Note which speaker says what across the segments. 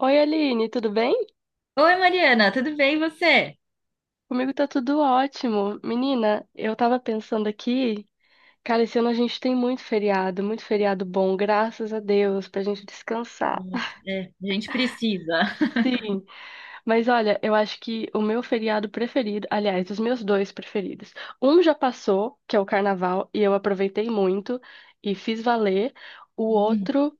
Speaker 1: Oi, Aline, tudo bem?
Speaker 2: Oi, Mariana, tudo bem e você?
Speaker 1: Comigo tá tudo ótimo. Menina, eu tava pensando aqui, cara, esse ano a gente tem muito feriado bom, graças a Deus, pra gente descansar.
Speaker 2: Nossa, é, a gente precisa.
Speaker 1: Sim, mas olha, eu acho que o meu feriado preferido, aliás, os meus dois preferidos. Um já passou, que é o carnaval, e eu aproveitei muito e fiz valer. O outro,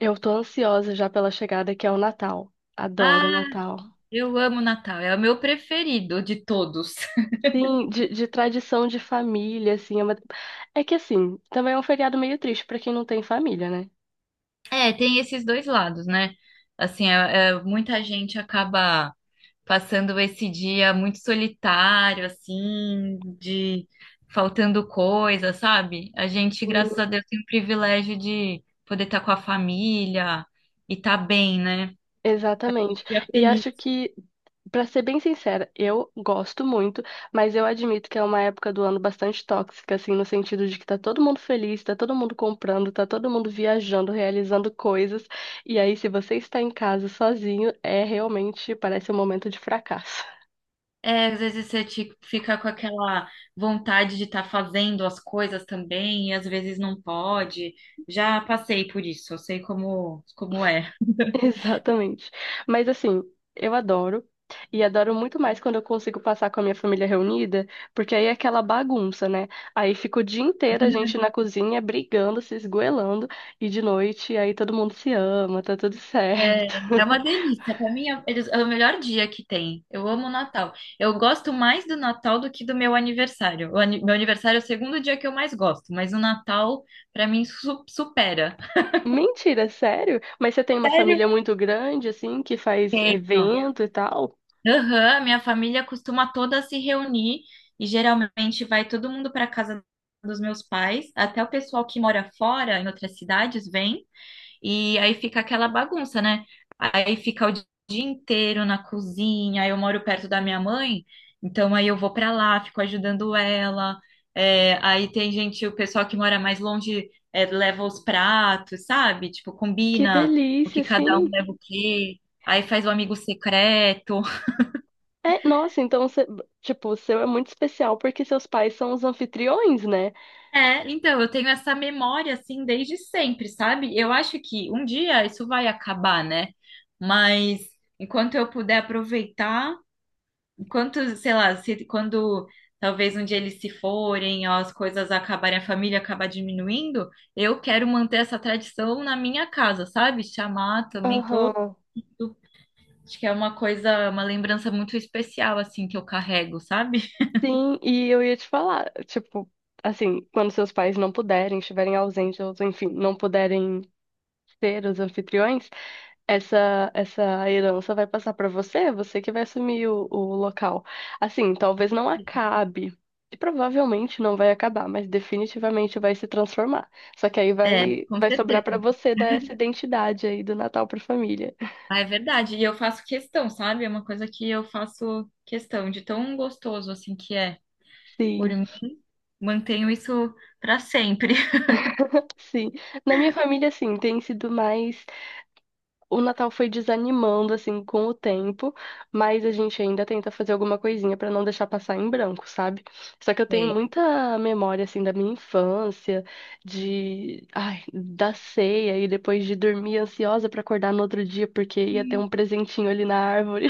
Speaker 1: eu tô ansiosa já pela chegada, que é o Natal. Adoro o
Speaker 2: Ah,
Speaker 1: Natal.
Speaker 2: eu amo Natal, é o meu preferido de todos.
Speaker 1: Sim, de tradição de família, assim. É, uma... é que, assim, também é um feriado meio triste pra quem não tem família, né?
Speaker 2: É, tem esses dois lados, né? Assim, muita gente acaba passando esse dia muito solitário, assim, de faltando coisa, sabe? A gente,
Speaker 1: Sim,
Speaker 2: graças a Deus, tem o privilégio de poder estar com a família e estar bem, né?
Speaker 1: exatamente.
Speaker 2: Dia
Speaker 1: E acho
Speaker 2: feliz.
Speaker 1: que, pra ser bem sincera, eu gosto muito, mas eu admito que é uma época do ano bastante tóxica, assim, no sentido de que tá todo mundo feliz, tá todo mundo comprando, tá todo mundo viajando, realizando coisas. E aí, se você está em casa sozinho, é realmente, parece um momento de fracasso.
Speaker 2: É, às vezes você fica com aquela vontade de estar fazendo as coisas também, e às vezes não pode. Já passei por isso, eu sei como, como é.
Speaker 1: Exatamente. Mas assim, eu adoro. E adoro muito mais quando eu consigo passar com a minha família reunida, porque aí é aquela bagunça, né? Aí fica o dia inteiro a gente na cozinha brigando, se esgoelando, e de noite aí todo mundo se ama, tá tudo
Speaker 2: É,
Speaker 1: certo.
Speaker 2: é uma delícia. Para mim é, é o melhor dia que tem. Eu amo o Natal. Eu gosto mais do Natal do que do meu aniversário. Meu aniversário é o segundo dia que eu mais gosto, mas o Natal, para mim, supera.
Speaker 1: Mentira, sério? Mas você tem uma
Speaker 2: Sério?
Speaker 1: família muito grande, assim, que faz
Speaker 2: Tenho.
Speaker 1: evento e tal?
Speaker 2: Aham, minha família costuma toda se reunir e geralmente vai todo mundo para casa dos meus pais, até o pessoal que mora fora, em outras cidades, vem e aí fica aquela bagunça, né? Aí fica o dia inteiro na cozinha. Eu moro perto da minha mãe, então aí eu vou para lá, fico ajudando ela. É, aí tem gente, o pessoal que mora mais longe, é, leva os pratos, sabe? Tipo,
Speaker 1: Que
Speaker 2: combina o
Speaker 1: delícia,
Speaker 2: que cada
Speaker 1: assim.
Speaker 2: um leva o quê. Aí faz o amigo secreto.
Speaker 1: É, nossa, então, você, tipo, o seu é muito especial porque seus pais são os anfitriões, né?
Speaker 2: É, então, eu tenho essa memória assim desde sempre, sabe? Eu acho que um dia isso vai acabar, né? Mas enquanto eu puder aproveitar, enquanto, sei lá, se, quando talvez um dia eles se forem, ou as coisas acabarem, a família acabar diminuindo, eu quero manter essa tradição na minha casa, sabe? Chamar também todo.
Speaker 1: Aham.
Speaker 2: Acho que é uma coisa, uma lembrança muito especial, assim, que eu carrego, sabe?
Speaker 1: Sim, e eu ia te falar, tipo, assim, quando seus pais não puderem, estiverem ausentes, ou enfim, não puderem ser os anfitriões, essa herança vai passar para você, você que vai assumir o local. Assim, talvez não acabe, e provavelmente não vai acabar, mas definitivamente vai se transformar. Só que aí
Speaker 2: É,
Speaker 1: vai
Speaker 2: com
Speaker 1: vai sobrar para
Speaker 2: certeza.
Speaker 1: você dar essa identidade aí do Natal para família.
Speaker 2: Ah, é verdade. E eu faço questão, sabe? É uma coisa que eu faço questão de tão gostoso assim que é. Por
Speaker 1: Sim,
Speaker 2: mim, mantenho isso para sempre.
Speaker 1: sim. Na minha família, assim, tem sido mais o Natal foi desanimando assim com o tempo, mas a gente ainda tenta fazer alguma coisinha pra não deixar passar em branco, sabe? Só que eu tenho
Speaker 2: Sei.
Speaker 1: muita memória assim da minha infância, de ai, da ceia e depois de dormir ansiosa pra acordar no outro dia porque ia ter um
Speaker 2: Hum.
Speaker 1: presentinho ali na árvore.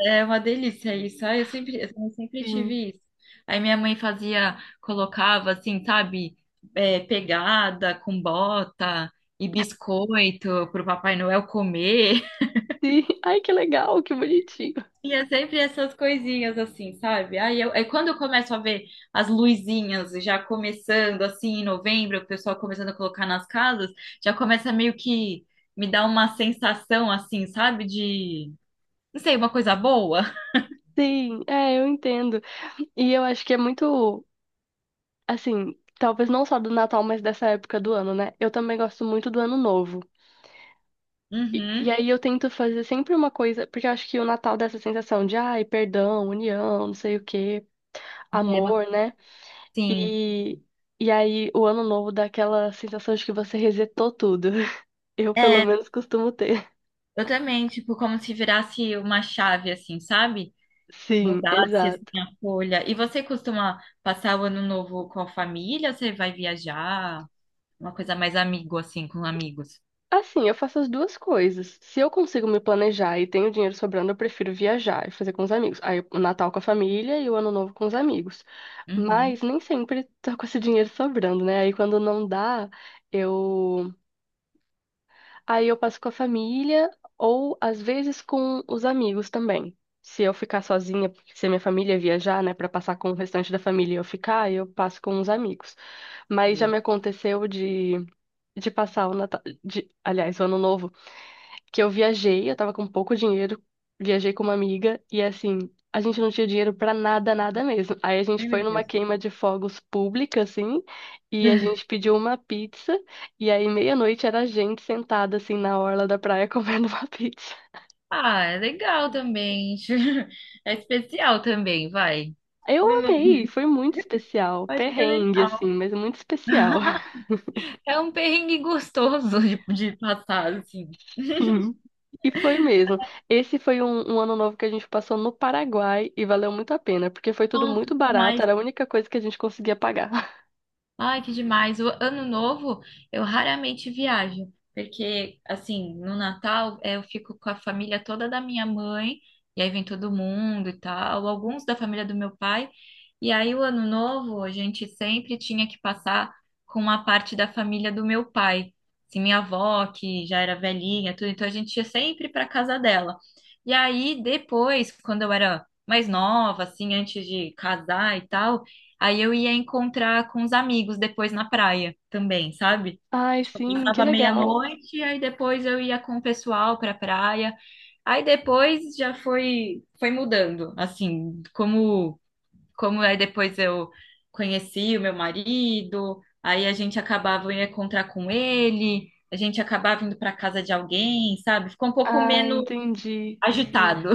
Speaker 2: É uma delícia isso. Ah, eu sempre, eu também sempre
Speaker 1: Sim.
Speaker 2: tive isso. Aí minha mãe fazia, colocava assim, sabe, é, pegada com bota e biscoito pro Papai Noel comer.
Speaker 1: Sim. Ai, que legal, que bonitinho.
Speaker 2: E é sempre essas coisinhas assim, sabe? Aí eu, é quando eu começo a ver as luzinhas já começando assim em novembro, o pessoal começando a colocar nas casas, já começa meio que me dar uma sensação assim, sabe? De, não sei, uma coisa boa.
Speaker 1: Sim, é, eu entendo. E eu acho que é muito, assim, talvez não só do Natal, mas dessa época do ano, né? Eu também gosto muito do Ano Novo. E
Speaker 2: Uhum.
Speaker 1: aí eu tento fazer sempre uma coisa, porque eu acho que o Natal dá essa sensação de, ai, perdão, união, não sei o quê,
Speaker 2: É,
Speaker 1: amor,
Speaker 2: mas,
Speaker 1: né?
Speaker 2: sim.
Speaker 1: E, e aí o Ano Novo dá aquela sensação de que você resetou tudo. Eu, pelo
Speaker 2: É,
Speaker 1: menos, costumo ter.
Speaker 2: eu também, tipo, como se virasse uma chave assim, sabe?
Speaker 1: Sim,
Speaker 2: Mudasse
Speaker 1: exato.
Speaker 2: assim a folha. E você costuma passar o ano novo com a família? Ou você vai viajar? Uma coisa mais amigo assim, com amigos?
Speaker 1: Assim, eu faço as duas coisas. Se eu consigo me planejar e tenho dinheiro sobrando, eu prefiro viajar e fazer com os amigos. Aí o Natal com a família e o Ano Novo com os amigos.
Speaker 2: Uhum.
Speaker 1: Mas nem sempre tô com esse dinheiro sobrando, né? Aí quando não dá, eu aí eu passo com a família ou às vezes com os amigos também. Se eu ficar sozinha, porque se a minha família viajar, né, para passar com o restante da família e eu ficar, eu passo com os amigos. Mas já
Speaker 2: Sim.
Speaker 1: me aconteceu de passar o Natal, de, aliás, o Ano Novo que eu viajei, eu tava com pouco dinheiro, viajei com uma amiga e assim, a gente não tinha dinheiro pra nada, nada mesmo. Aí a gente
Speaker 2: Ai,
Speaker 1: foi
Speaker 2: meu
Speaker 1: numa
Speaker 2: Deus.
Speaker 1: queima de fogos pública, assim, e a gente pediu uma pizza, e aí meia-noite era a gente sentada assim na orla da praia comendo uma pizza.
Speaker 2: Ah, é legal também. É especial também, vai.
Speaker 1: Eu
Speaker 2: Vamos-
Speaker 1: amei, foi muito especial,
Speaker 2: Acho que é
Speaker 1: perrengue
Speaker 2: legal.
Speaker 1: assim, mas muito especial.
Speaker 2: É um perrengue gostoso de passar, assim.
Speaker 1: Sim. E foi mesmo. Esse foi um ano novo que a gente passou no Paraguai e valeu muito a pena, porque foi tudo
Speaker 2: Nossa,
Speaker 1: muito barato,
Speaker 2: demais.
Speaker 1: era a única coisa que a gente conseguia pagar.
Speaker 2: Ai, que demais. O ano novo eu raramente viajo, porque assim, no Natal eh, eu fico com a família toda da minha mãe, e aí vem todo mundo e tal, alguns da família do meu pai. E aí o ano novo a gente sempre tinha que passar com uma parte da família do meu pai. Assim, minha avó, que já era velhinha, tudo, então a gente ia sempre para casa dela. E aí depois, quando eu era mais nova, assim, antes de casar e tal, aí eu ia encontrar com os amigos depois na praia também, sabe?
Speaker 1: Ai,
Speaker 2: Tipo, eu
Speaker 1: sim, que
Speaker 2: passava
Speaker 1: legal.
Speaker 2: meia-noite, aí depois eu ia com o pessoal pra praia. Aí depois já foi mudando, assim, como aí depois eu conheci o meu marido, aí a gente acabava eu ia encontrar com ele, a gente acabava indo pra casa de alguém, sabe? Ficou um pouco
Speaker 1: Ah,
Speaker 2: menos
Speaker 1: entendi. Sim.
Speaker 2: agitado.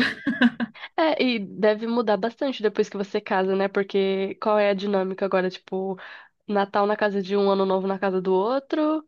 Speaker 1: É, e deve mudar bastante depois que você casa, né? Porque qual é a dinâmica agora? Tipo, Natal na casa de um, Ano Novo na casa do outro.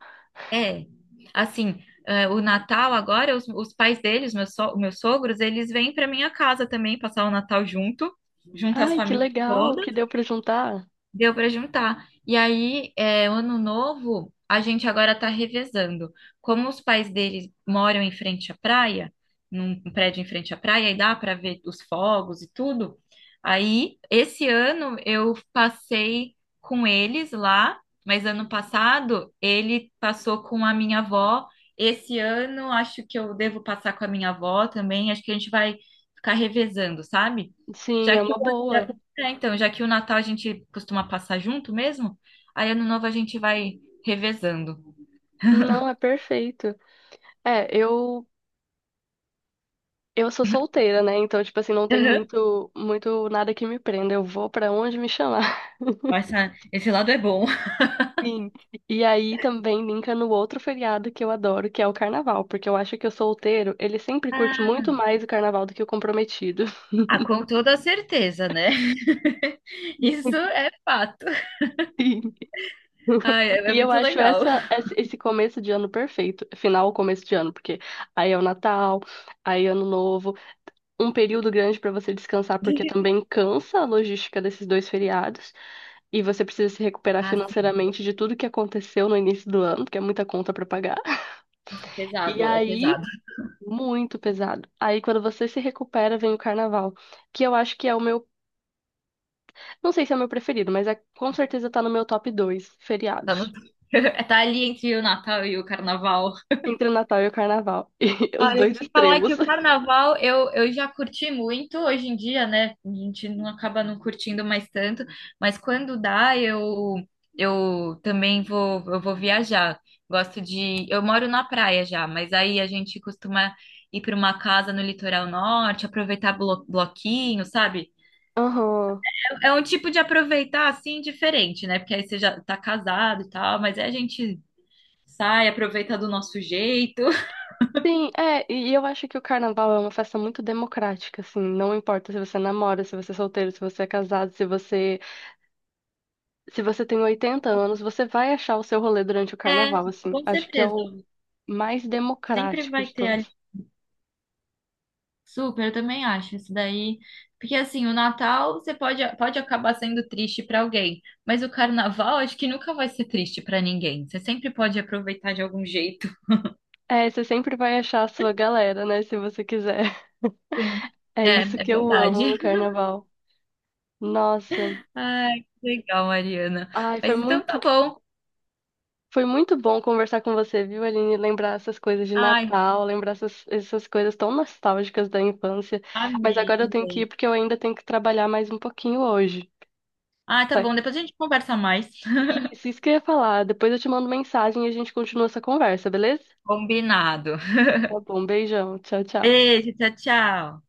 Speaker 2: É, assim, eh, o Natal agora, os pais deles, meus, meus sogros, eles vêm para minha casa também passar o Natal junto, junto às
Speaker 1: Ai, que
Speaker 2: famílias
Speaker 1: legal
Speaker 2: todas.
Speaker 1: que deu pra juntar.
Speaker 2: Deu para juntar. E aí, é, o ano novo, a gente agora está revezando. Como os pais deles moram em frente à praia, num prédio em frente à praia, e dá para ver os fogos e tudo. Aí, esse ano eu passei com eles lá, mas ano passado ele passou com a minha avó. Esse ano acho que eu devo passar com a minha avó também. Acho que a gente vai ficar revezando, sabe?
Speaker 1: Sim,
Speaker 2: Já
Speaker 1: é
Speaker 2: que
Speaker 1: uma boa.
Speaker 2: é, então, já que o Natal a gente costuma passar junto mesmo, aí ano novo a gente vai revezando.
Speaker 1: Não, é perfeito. É, eu sou solteira, né? Então, tipo assim, não tem
Speaker 2: Aham.
Speaker 1: muito muito nada que me prenda. Eu vou pra onde me chamar.
Speaker 2: Esse lado é bom.
Speaker 1: Sim, e aí também linka no outro feriado que eu adoro, que é o carnaval, porque eu acho que o solteiro, ele sempre curte muito mais o carnaval do que o comprometido.
Speaker 2: Ah, com toda certeza, né? Isso é fato.
Speaker 1: Sim.
Speaker 2: Ai, é, é
Speaker 1: E eu
Speaker 2: muito
Speaker 1: acho
Speaker 2: legal.
Speaker 1: essa, esse começo de ano perfeito, final, ou começo de ano, porque aí é o Natal, aí é Ano Novo, um período grande para você descansar, porque também cansa a logística desses dois feriados, e você precisa se recuperar
Speaker 2: Ah, sim,
Speaker 1: financeiramente de tudo que aconteceu no início do ano, porque é muita conta para pagar.
Speaker 2: é
Speaker 1: E
Speaker 2: pesado, é
Speaker 1: aí
Speaker 2: pesado.
Speaker 1: muito pesado. Aí quando você se recupera, vem o carnaval, que eu acho que é o meu, não sei se é o meu preferido, mas é com certeza tá no meu top 2.
Speaker 2: Tá no...
Speaker 1: Feriados.
Speaker 2: Tá ali entre o Natal e o Carnaval.
Speaker 1: Entre o Natal e o carnaval. E os
Speaker 2: Olha,
Speaker 1: dois
Speaker 2: te falar
Speaker 1: extremos.
Speaker 2: que o carnaval eu já curti muito hoje em dia, né? A gente não acaba não curtindo mais tanto, mas quando dá, eu também vou viajar. Gosto de, eu moro na praia já, mas aí a gente costuma ir para uma casa no litoral norte, aproveitar bloquinho, sabe?
Speaker 1: Aham.
Speaker 2: É, é um tipo de aproveitar assim diferente, né? Porque aí você já tá casado e tal, mas aí a gente sai, aproveita do nosso jeito.
Speaker 1: Sim, é, e eu acho que o carnaval é uma festa muito democrática, assim, não importa se você namora, se você é solteiro, se você é casado, se você, se você tem 80 anos, você vai achar o seu rolê durante o
Speaker 2: É,
Speaker 1: carnaval, assim.
Speaker 2: com
Speaker 1: Acho que é
Speaker 2: certeza.
Speaker 1: o mais
Speaker 2: Sempre
Speaker 1: democrático
Speaker 2: vai
Speaker 1: de
Speaker 2: ter
Speaker 1: todos.
Speaker 2: super, eu também acho isso daí. Porque assim, o Natal você pode, pode acabar sendo triste para alguém, mas o Carnaval acho que nunca vai ser triste para ninguém. Você sempre pode aproveitar de algum jeito.
Speaker 1: É, você sempre vai achar a sua galera, né? Se você quiser.
Speaker 2: Sim.
Speaker 1: É
Speaker 2: É, é
Speaker 1: isso que eu amo
Speaker 2: verdade.
Speaker 1: no carnaval. Nossa.
Speaker 2: Ai, que legal, Mariana.
Speaker 1: Ai,
Speaker 2: Mas então tá bom.
Speaker 1: foi muito bom conversar com você, viu, Aline? Lembrar essas coisas de
Speaker 2: Ai,
Speaker 1: Natal, lembrar essas, essas coisas tão nostálgicas da infância. Mas
Speaker 2: amei
Speaker 1: agora eu tenho que ir
Speaker 2: também.
Speaker 1: porque eu ainda tenho que trabalhar mais um pouquinho hoje.
Speaker 2: Ah, tá
Speaker 1: Tá?
Speaker 2: bom. Depois a gente conversa mais.
Speaker 1: Isso que eu ia falar. Depois eu te mando mensagem e a gente continua essa conversa, beleza?
Speaker 2: Combinado.
Speaker 1: Tá bom, beijão. Tchau, tchau.
Speaker 2: Beijo, tchau, tchau.